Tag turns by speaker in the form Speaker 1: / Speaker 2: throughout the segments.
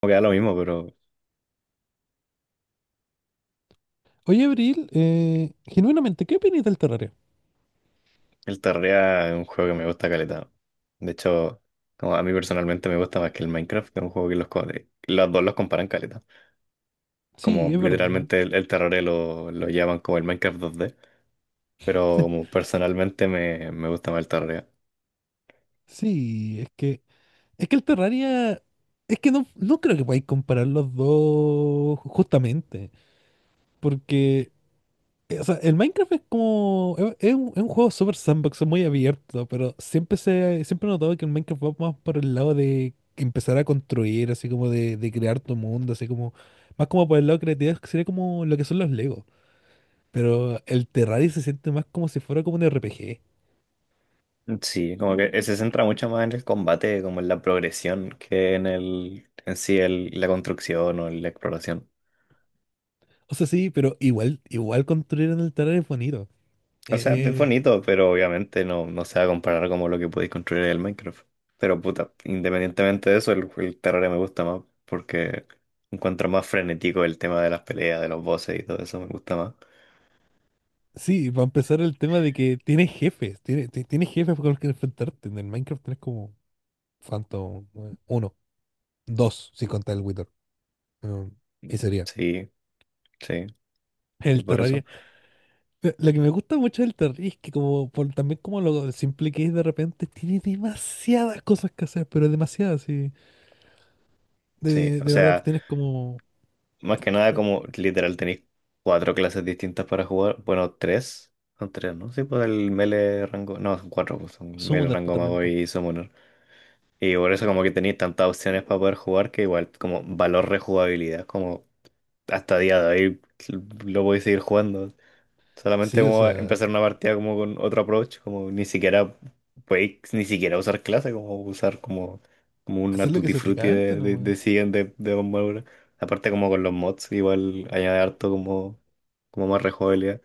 Speaker 1: Como que da lo mismo, pero
Speaker 2: Oye, Abril, genuinamente, ¿qué opinas del Terraria?
Speaker 1: el Terraria es un juego que me gusta caleta. De hecho, como a mí personalmente me gusta más que el Minecraft, que es un juego que los dos los comparan caleta. Como
Speaker 2: Sí, es verdad.
Speaker 1: literalmente el Terraria lo llaman como el Minecraft 2D, pero como personalmente me gusta más el Terraria.
Speaker 2: Sí, es que el Terraria, es que no creo que podáis comparar los dos justamente, porque, o sea, el Minecraft es como, es, es un juego super sandbox, es muy abierto, pero siempre se, siempre he notado que el Minecraft va más por el lado de empezar a construir, así como de crear tu mundo, así como, más como por el lado creativo, que sería como lo que son los Legos. Pero el Terraria se siente más como si fuera como un RPG.
Speaker 1: Sí, como que se centra mucho más en el combate, como en la progresión, que en en sí la construcción o en la exploración.
Speaker 2: O sea, sí, pero igual, igual construir en el Terraria es bonito.
Speaker 1: O sea, es
Speaker 2: Eh, eh,
Speaker 1: bonito, pero obviamente no se va a comparar como lo que podéis construir en el Minecraft. Pero puta, independientemente de eso, el Terraria me gusta más porque encuentro más frenético el tema de las peleas, de los bosses y todo eso, me gusta más.
Speaker 2: sí, para empezar el tema de que tienes jefes, tienes, jefes con los que enfrentarte. En el Minecraft tienes como Phantom uno, dos, si contar el Wither. Mm, y sería.
Speaker 1: Sí, sí, y
Speaker 2: El
Speaker 1: por eso,
Speaker 2: Terraria. Lo que me gusta mucho del Terraria es que como por, también como lo simple que es de repente, tiene demasiadas cosas que hacer, pero demasiadas, sí.
Speaker 1: sí. O
Speaker 2: De verdad, pues,
Speaker 1: sea,
Speaker 2: tienes como...
Speaker 1: más que nada
Speaker 2: eh,
Speaker 1: como literal tenéis cuatro clases distintas para jugar. Bueno, tres, son tres, ¿no? Sí, pues el melee rango, no, son cuatro, pues son melee
Speaker 2: Summoner pues,
Speaker 1: rango
Speaker 2: también.
Speaker 1: mago
Speaker 2: Pues.
Speaker 1: y summoner. Y por eso como que tenéis tantas opciones para poder jugar que igual como valor rejugabilidad, como hasta día de hoy lo podéis seguir jugando. Solamente
Speaker 2: Sí, o
Speaker 1: como
Speaker 2: sea,
Speaker 1: empezar una partida como con otro approach, como ni siquiera podéis ni siquiera usar clase, como usar como, como una
Speaker 2: hacer lo que
Speaker 1: tutti
Speaker 2: se te
Speaker 1: frutti
Speaker 2: cante nomás.
Speaker 1: de siguiente de armadura. Aparte como con los mods, igual añade harto como, como más rejugabilidad.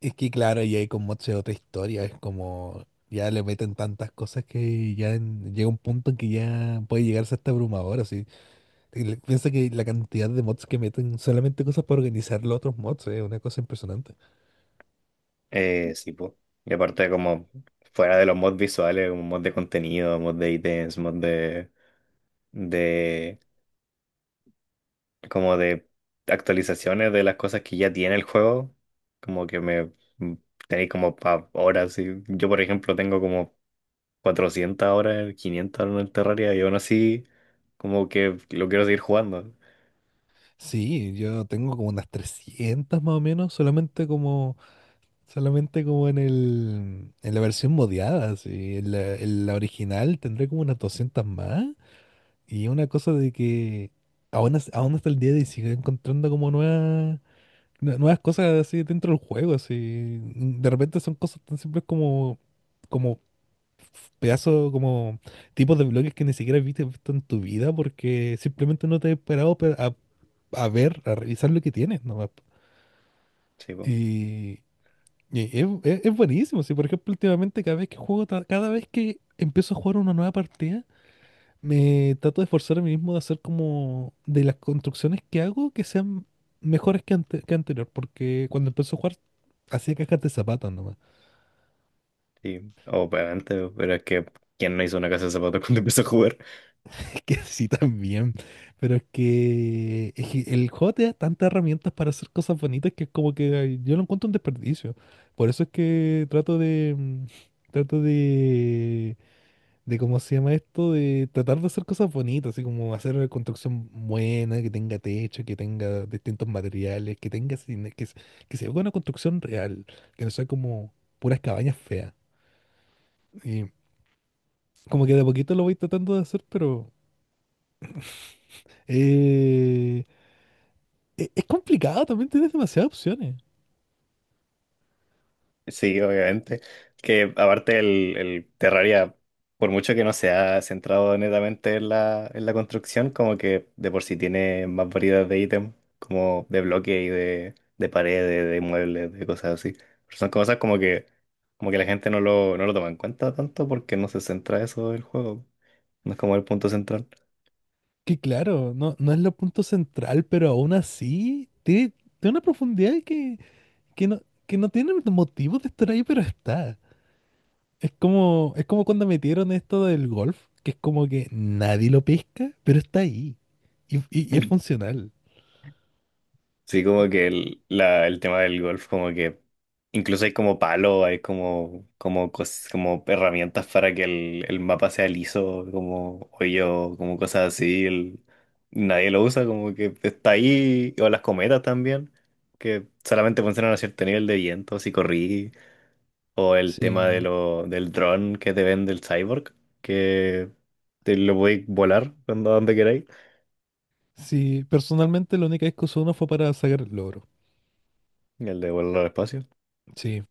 Speaker 2: Es que claro, y ahí con mods es otra historia, es como ya le meten tantas cosas que ya llega un punto en que ya puede llegarse hasta abrumador, así. Y piensa que la cantidad de mods que meten solamente cosas para organizar los otros mods es una cosa impresionante.
Speaker 1: Sí, pues. Y aparte, como fuera de los mods visuales, un mod de contenido, mod de ítems, mod de, como de actualizaciones de las cosas que ya tiene el juego, como que me mm, tenéis como pa horas. Y yo, por ejemplo, tengo como 400 horas, 500 horas en el Terraria y aún así, como que lo quiero seguir jugando.
Speaker 2: Sí, yo tengo como unas 300 más o menos, solamente como en el en la versión modiada, así. En la original tendré como unas 200 más. Y es una cosa de que aún, aún hasta el día de hoy sigue encontrando como nuevas, nuevas cosas así dentro del juego, así. De repente son cosas tan simples como, como pedazos, como tipos de bloques que ni siquiera viste visto en tu vida porque simplemente no te he esperado a ver, a revisar lo que tienes nomás.
Speaker 1: Sí, pues.
Speaker 2: Y, y es, es buenísimo, si por ejemplo últimamente cada vez que juego, cada vez que empiezo a jugar una nueva partida, me trato de esforzar a mí mismo de hacer como de las construcciones que hago que sean mejores que, que anterior, porque cuando empecé a jugar hacía cajas de zapatos nomás.
Speaker 1: Sí, obviamente, pero es que, ¿quién no hizo una casa de zapatos cuando empezó a jugar?
Speaker 2: Es que sí también, pero es que el juego te da tantas herramientas para hacer cosas bonitas que es como que ay, yo lo encuentro un desperdicio. Por eso es que trato de trato de cómo se llama esto, de tratar de hacer cosas bonitas, así como hacer una construcción buena, que tenga techo, que tenga distintos materiales, que tenga que se vea una construcción real, que no sea como puras cabañas feas. Y como que de a poquito lo voy tratando de hacer, pero eh, es complicado, también tienes demasiadas opciones.
Speaker 1: Sí, obviamente. Que aparte el Terraria, por mucho que no se ha centrado netamente en la construcción, como que de por sí tiene más variedad de ítems, como de bloque y de paredes, de muebles, de cosas así. Pero son cosas como que la gente no lo toma en cuenta tanto porque no se centra eso del juego. No es como el punto central.
Speaker 2: Que claro, no es lo punto central, pero aún así tiene, tiene una profundidad que, que no, que no tiene motivo de estar ahí, pero está. Es como cuando metieron esto del golf, que es como que nadie lo pesca, pero está ahí. Y, y es funcional.
Speaker 1: Sí, como que el tema del golf, como que incluso hay como palo, hay como, como, como herramientas para que el mapa sea liso, como hoyo, como cosas así. El nadie lo usa, como que está ahí, o las cometas también, que solamente funcionan a cierto nivel de viento, si corrí, o el tema de
Speaker 2: Sí.
Speaker 1: lo, del dron que te vende el Cyborg, que te lo voy a volar cuando donde queráis,
Speaker 2: Sí, personalmente la única vez que usé uno fue para sacar el logro.
Speaker 1: el de volar al espacio.
Speaker 2: Sí.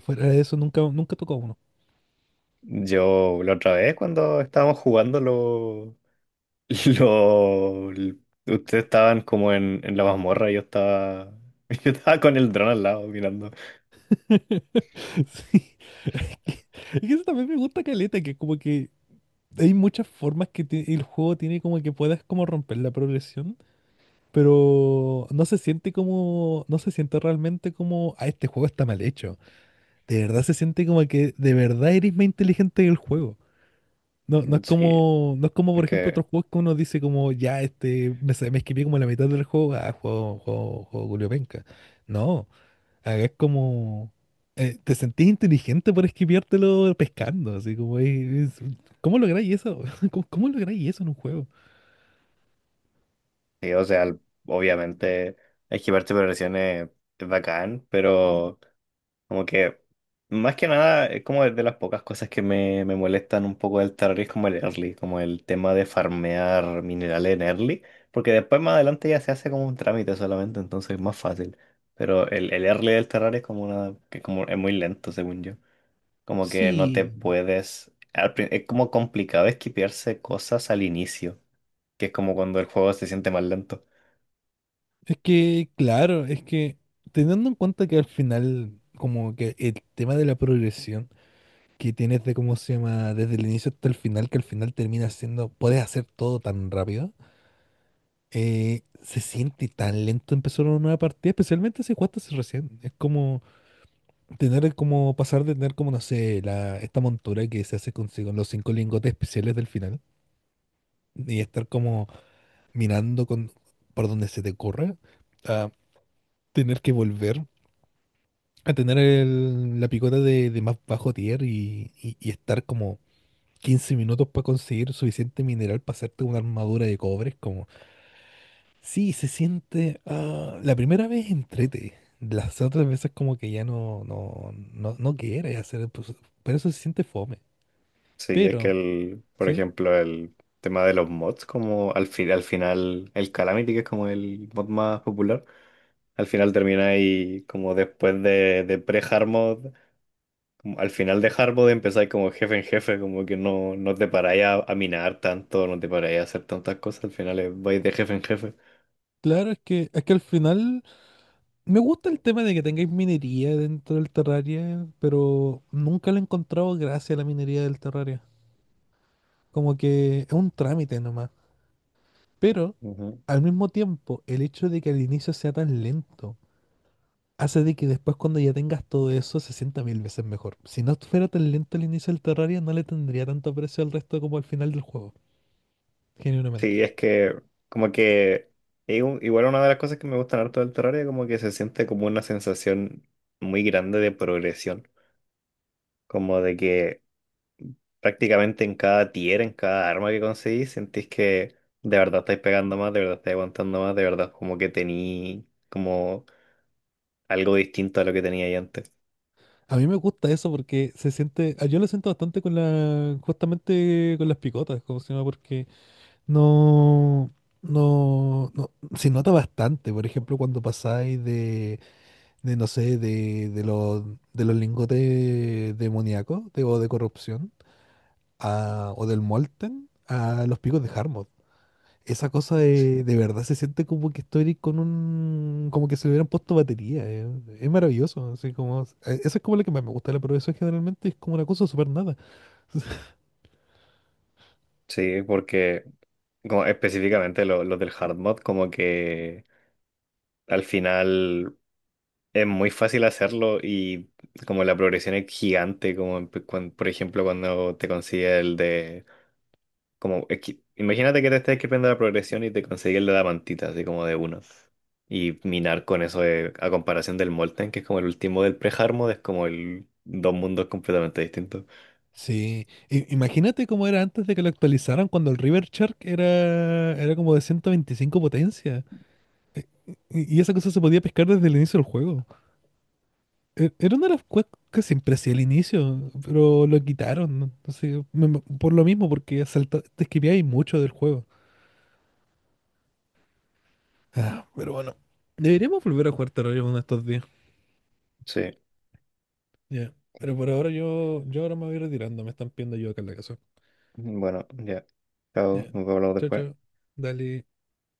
Speaker 2: Fuera de eso nunca, nunca tocó uno.
Speaker 1: Yo la otra vez cuando estábamos jugando lo, ustedes estaban como en la mazmorra, yo estaba, yo estaba con el dron al lado mirando.
Speaker 2: Sí. Es que, es que eso también me gusta caleta, que como que hay muchas formas que el juego tiene como que puedas como romper la progresión. Pero no se siente como, no se siente realmente como, ah, este juego está mal hecho. De verdad se siente como que de verdad eres más inteligente que el juego. No, no es
Speaker 1: Sí,
Speaker 2: como, no es como
Speaker 1: es
Speaker 2: por ejemplo
Speaker 1: que,
Speaker 2: otros juegos que uno dice como, ya, este, me, me esquivé como la mitad del juego, ah, juego, juego, juego Julio Penca. No, acá es como, te sentís inteligente por esquiviártelo pescando, así como, ¿cómo lográis eso? ¿Cómo, cómo lográis eso en un juego?
Speaker 1: sí, o sea, obviamente esquivar tripulaciones es bacán, pero como que, más que nada, es como de las pocas cosas que me molestan un poco del terror es como el early, como el tema de farmear minerales en early, porque después más adelante ya se hace como un trámite solamente, entonces es más fácil. Pero el early del terrario es como una, que como es muy lento, según yo. Como que no te
Speaker 2: Sí,
Speaker 1: puedes, al es como complicado esquipearse cosas al inicio, que es como cuando el juego se siente más lento.
Speaker 2: es que, claro, es que teniendo en cuenta que al final, como que el tema de la progresión que tienes de cómo se llama, desde el inicio hasta el final, que al final termina siendo, puedes hacer todo tan rápido, se siente tan lento empezar una nueva partida, especialmente si jugaste hace recién. Es como tener, como pasar de tener, como no sé, la, esta montura que se hace consigo los cinco lingotes especiales del final y estar como mirando con, por donde se te ocurra, a tener que volver. A tener la picota de más bajo tier y, y estar como 15 minutos para conseguir suficiente mineral para hacerte una armadura de cobre. Es como, sí, se siente. Ah, la primera vez entrete. Las otras veces como que ya no, no quieres hacer. Pues, por eso se siente fome.
Speaker 1: Sí, es que
Speaker 2: Pero,
Speaker 1: el, por
Speaker 2: ¿sí?
Speaker 1: ejemplo, el tema de los mods, como al fin, al final, el Calamity, que es como el mod más popular, al final termina ahí como después de pre-hard mod, como al final de hard mode empezáis como jefe en jefe, como que no te paráis a minar tanto, no te paráis a hacer tantas cosas, al final vais de jefe en jefe.
Speaker 2: Claro, es que al final me gusta el tema de que tengáis minería dentro del Terraria, pero nunca le he encontrado gracia a la minería del Terraria. Como que es un trámite nomás. Pero
Speaker 1: Ujú.
Speaker 2: al mismo tiempo, el hecho de que al inicio sea tan lento hace de que después cuando ya tengas todo eso se sienta mil veces mejor. Si no fuera tan lento el inicio del Terraria, no le tendría tanto precio al resto como al final del juego, genuinamente.
Speaker 1: Sí, es que como que es un- igual una de las cosas que me gustan harto del Terraria, como que se siente como una sensación muy grande de progresión. Como de que prácticamente en cada tier, en cada arma que conseguís, sentís que de verdad estáis pegando más, de verdad estáis aguantando más, de verdad como que tení como algo distinto a lo que tenía ahí antes.
Speaker 2: A mí me gusta eso porque se siente, ah, yo lo siento bastante con la, justamente con las picotas, como se llama, porque no, no, se nota bastante. Por ejemplo, cuando pasáis de no sé, de los lingotes demoníacos de, o de corrupción, o del Molten, a los picos de Harmod. Esa cosa
Speaker 1: Sí,
Speaker 2: de verdad se siente como que estoy con un... como que se le hubieran puesto batería. Es maravilloso, así como... eso es como lo que más me gusta de la progresión generalmente, es como una cosa súper nada.
Speaker 1: sí, porque como específicamente los del hard mod, como que al final es muy fácil hacerlo y como la progresión es gigante, como por ejemplo cuando te consigues el de. Como, es que imagínate que te estés escribiendo la progresión y te consigues la mantita, así como de uno. Y minar con eso de- a comparación del Molten, que es como el último del pre-Harmod, es como el dos mundos completamente distintos.
Speaker 2: Sí, imagínate cómo era antes de que lo actualizaran cuando el River Shark era, era como de 125 potencia. Y esa cosa se podía pescar desde el inicio del juego. Era una de las cosas que siempre hacía al inicio, pero lo quitaron, ¿no? No sé, por lo mismo, porque salta, te esquipeáis mucho del juego. Ah, pero bueno, deberíamos volver a jugar Terraria uno de estos días.
Speaker 1: Sí,
Speaker 2: Ya, pero por ahora yo ahora me voy retirando, me están pidiendo yo acá en la casa.
Speaker 1: bueno, ya. Chao,
Speaker 2: Ya,
Speaker 1: nos vemos
Speaker 2: chao,
Speaker 1: después.
Speaker 2: chao. Dale.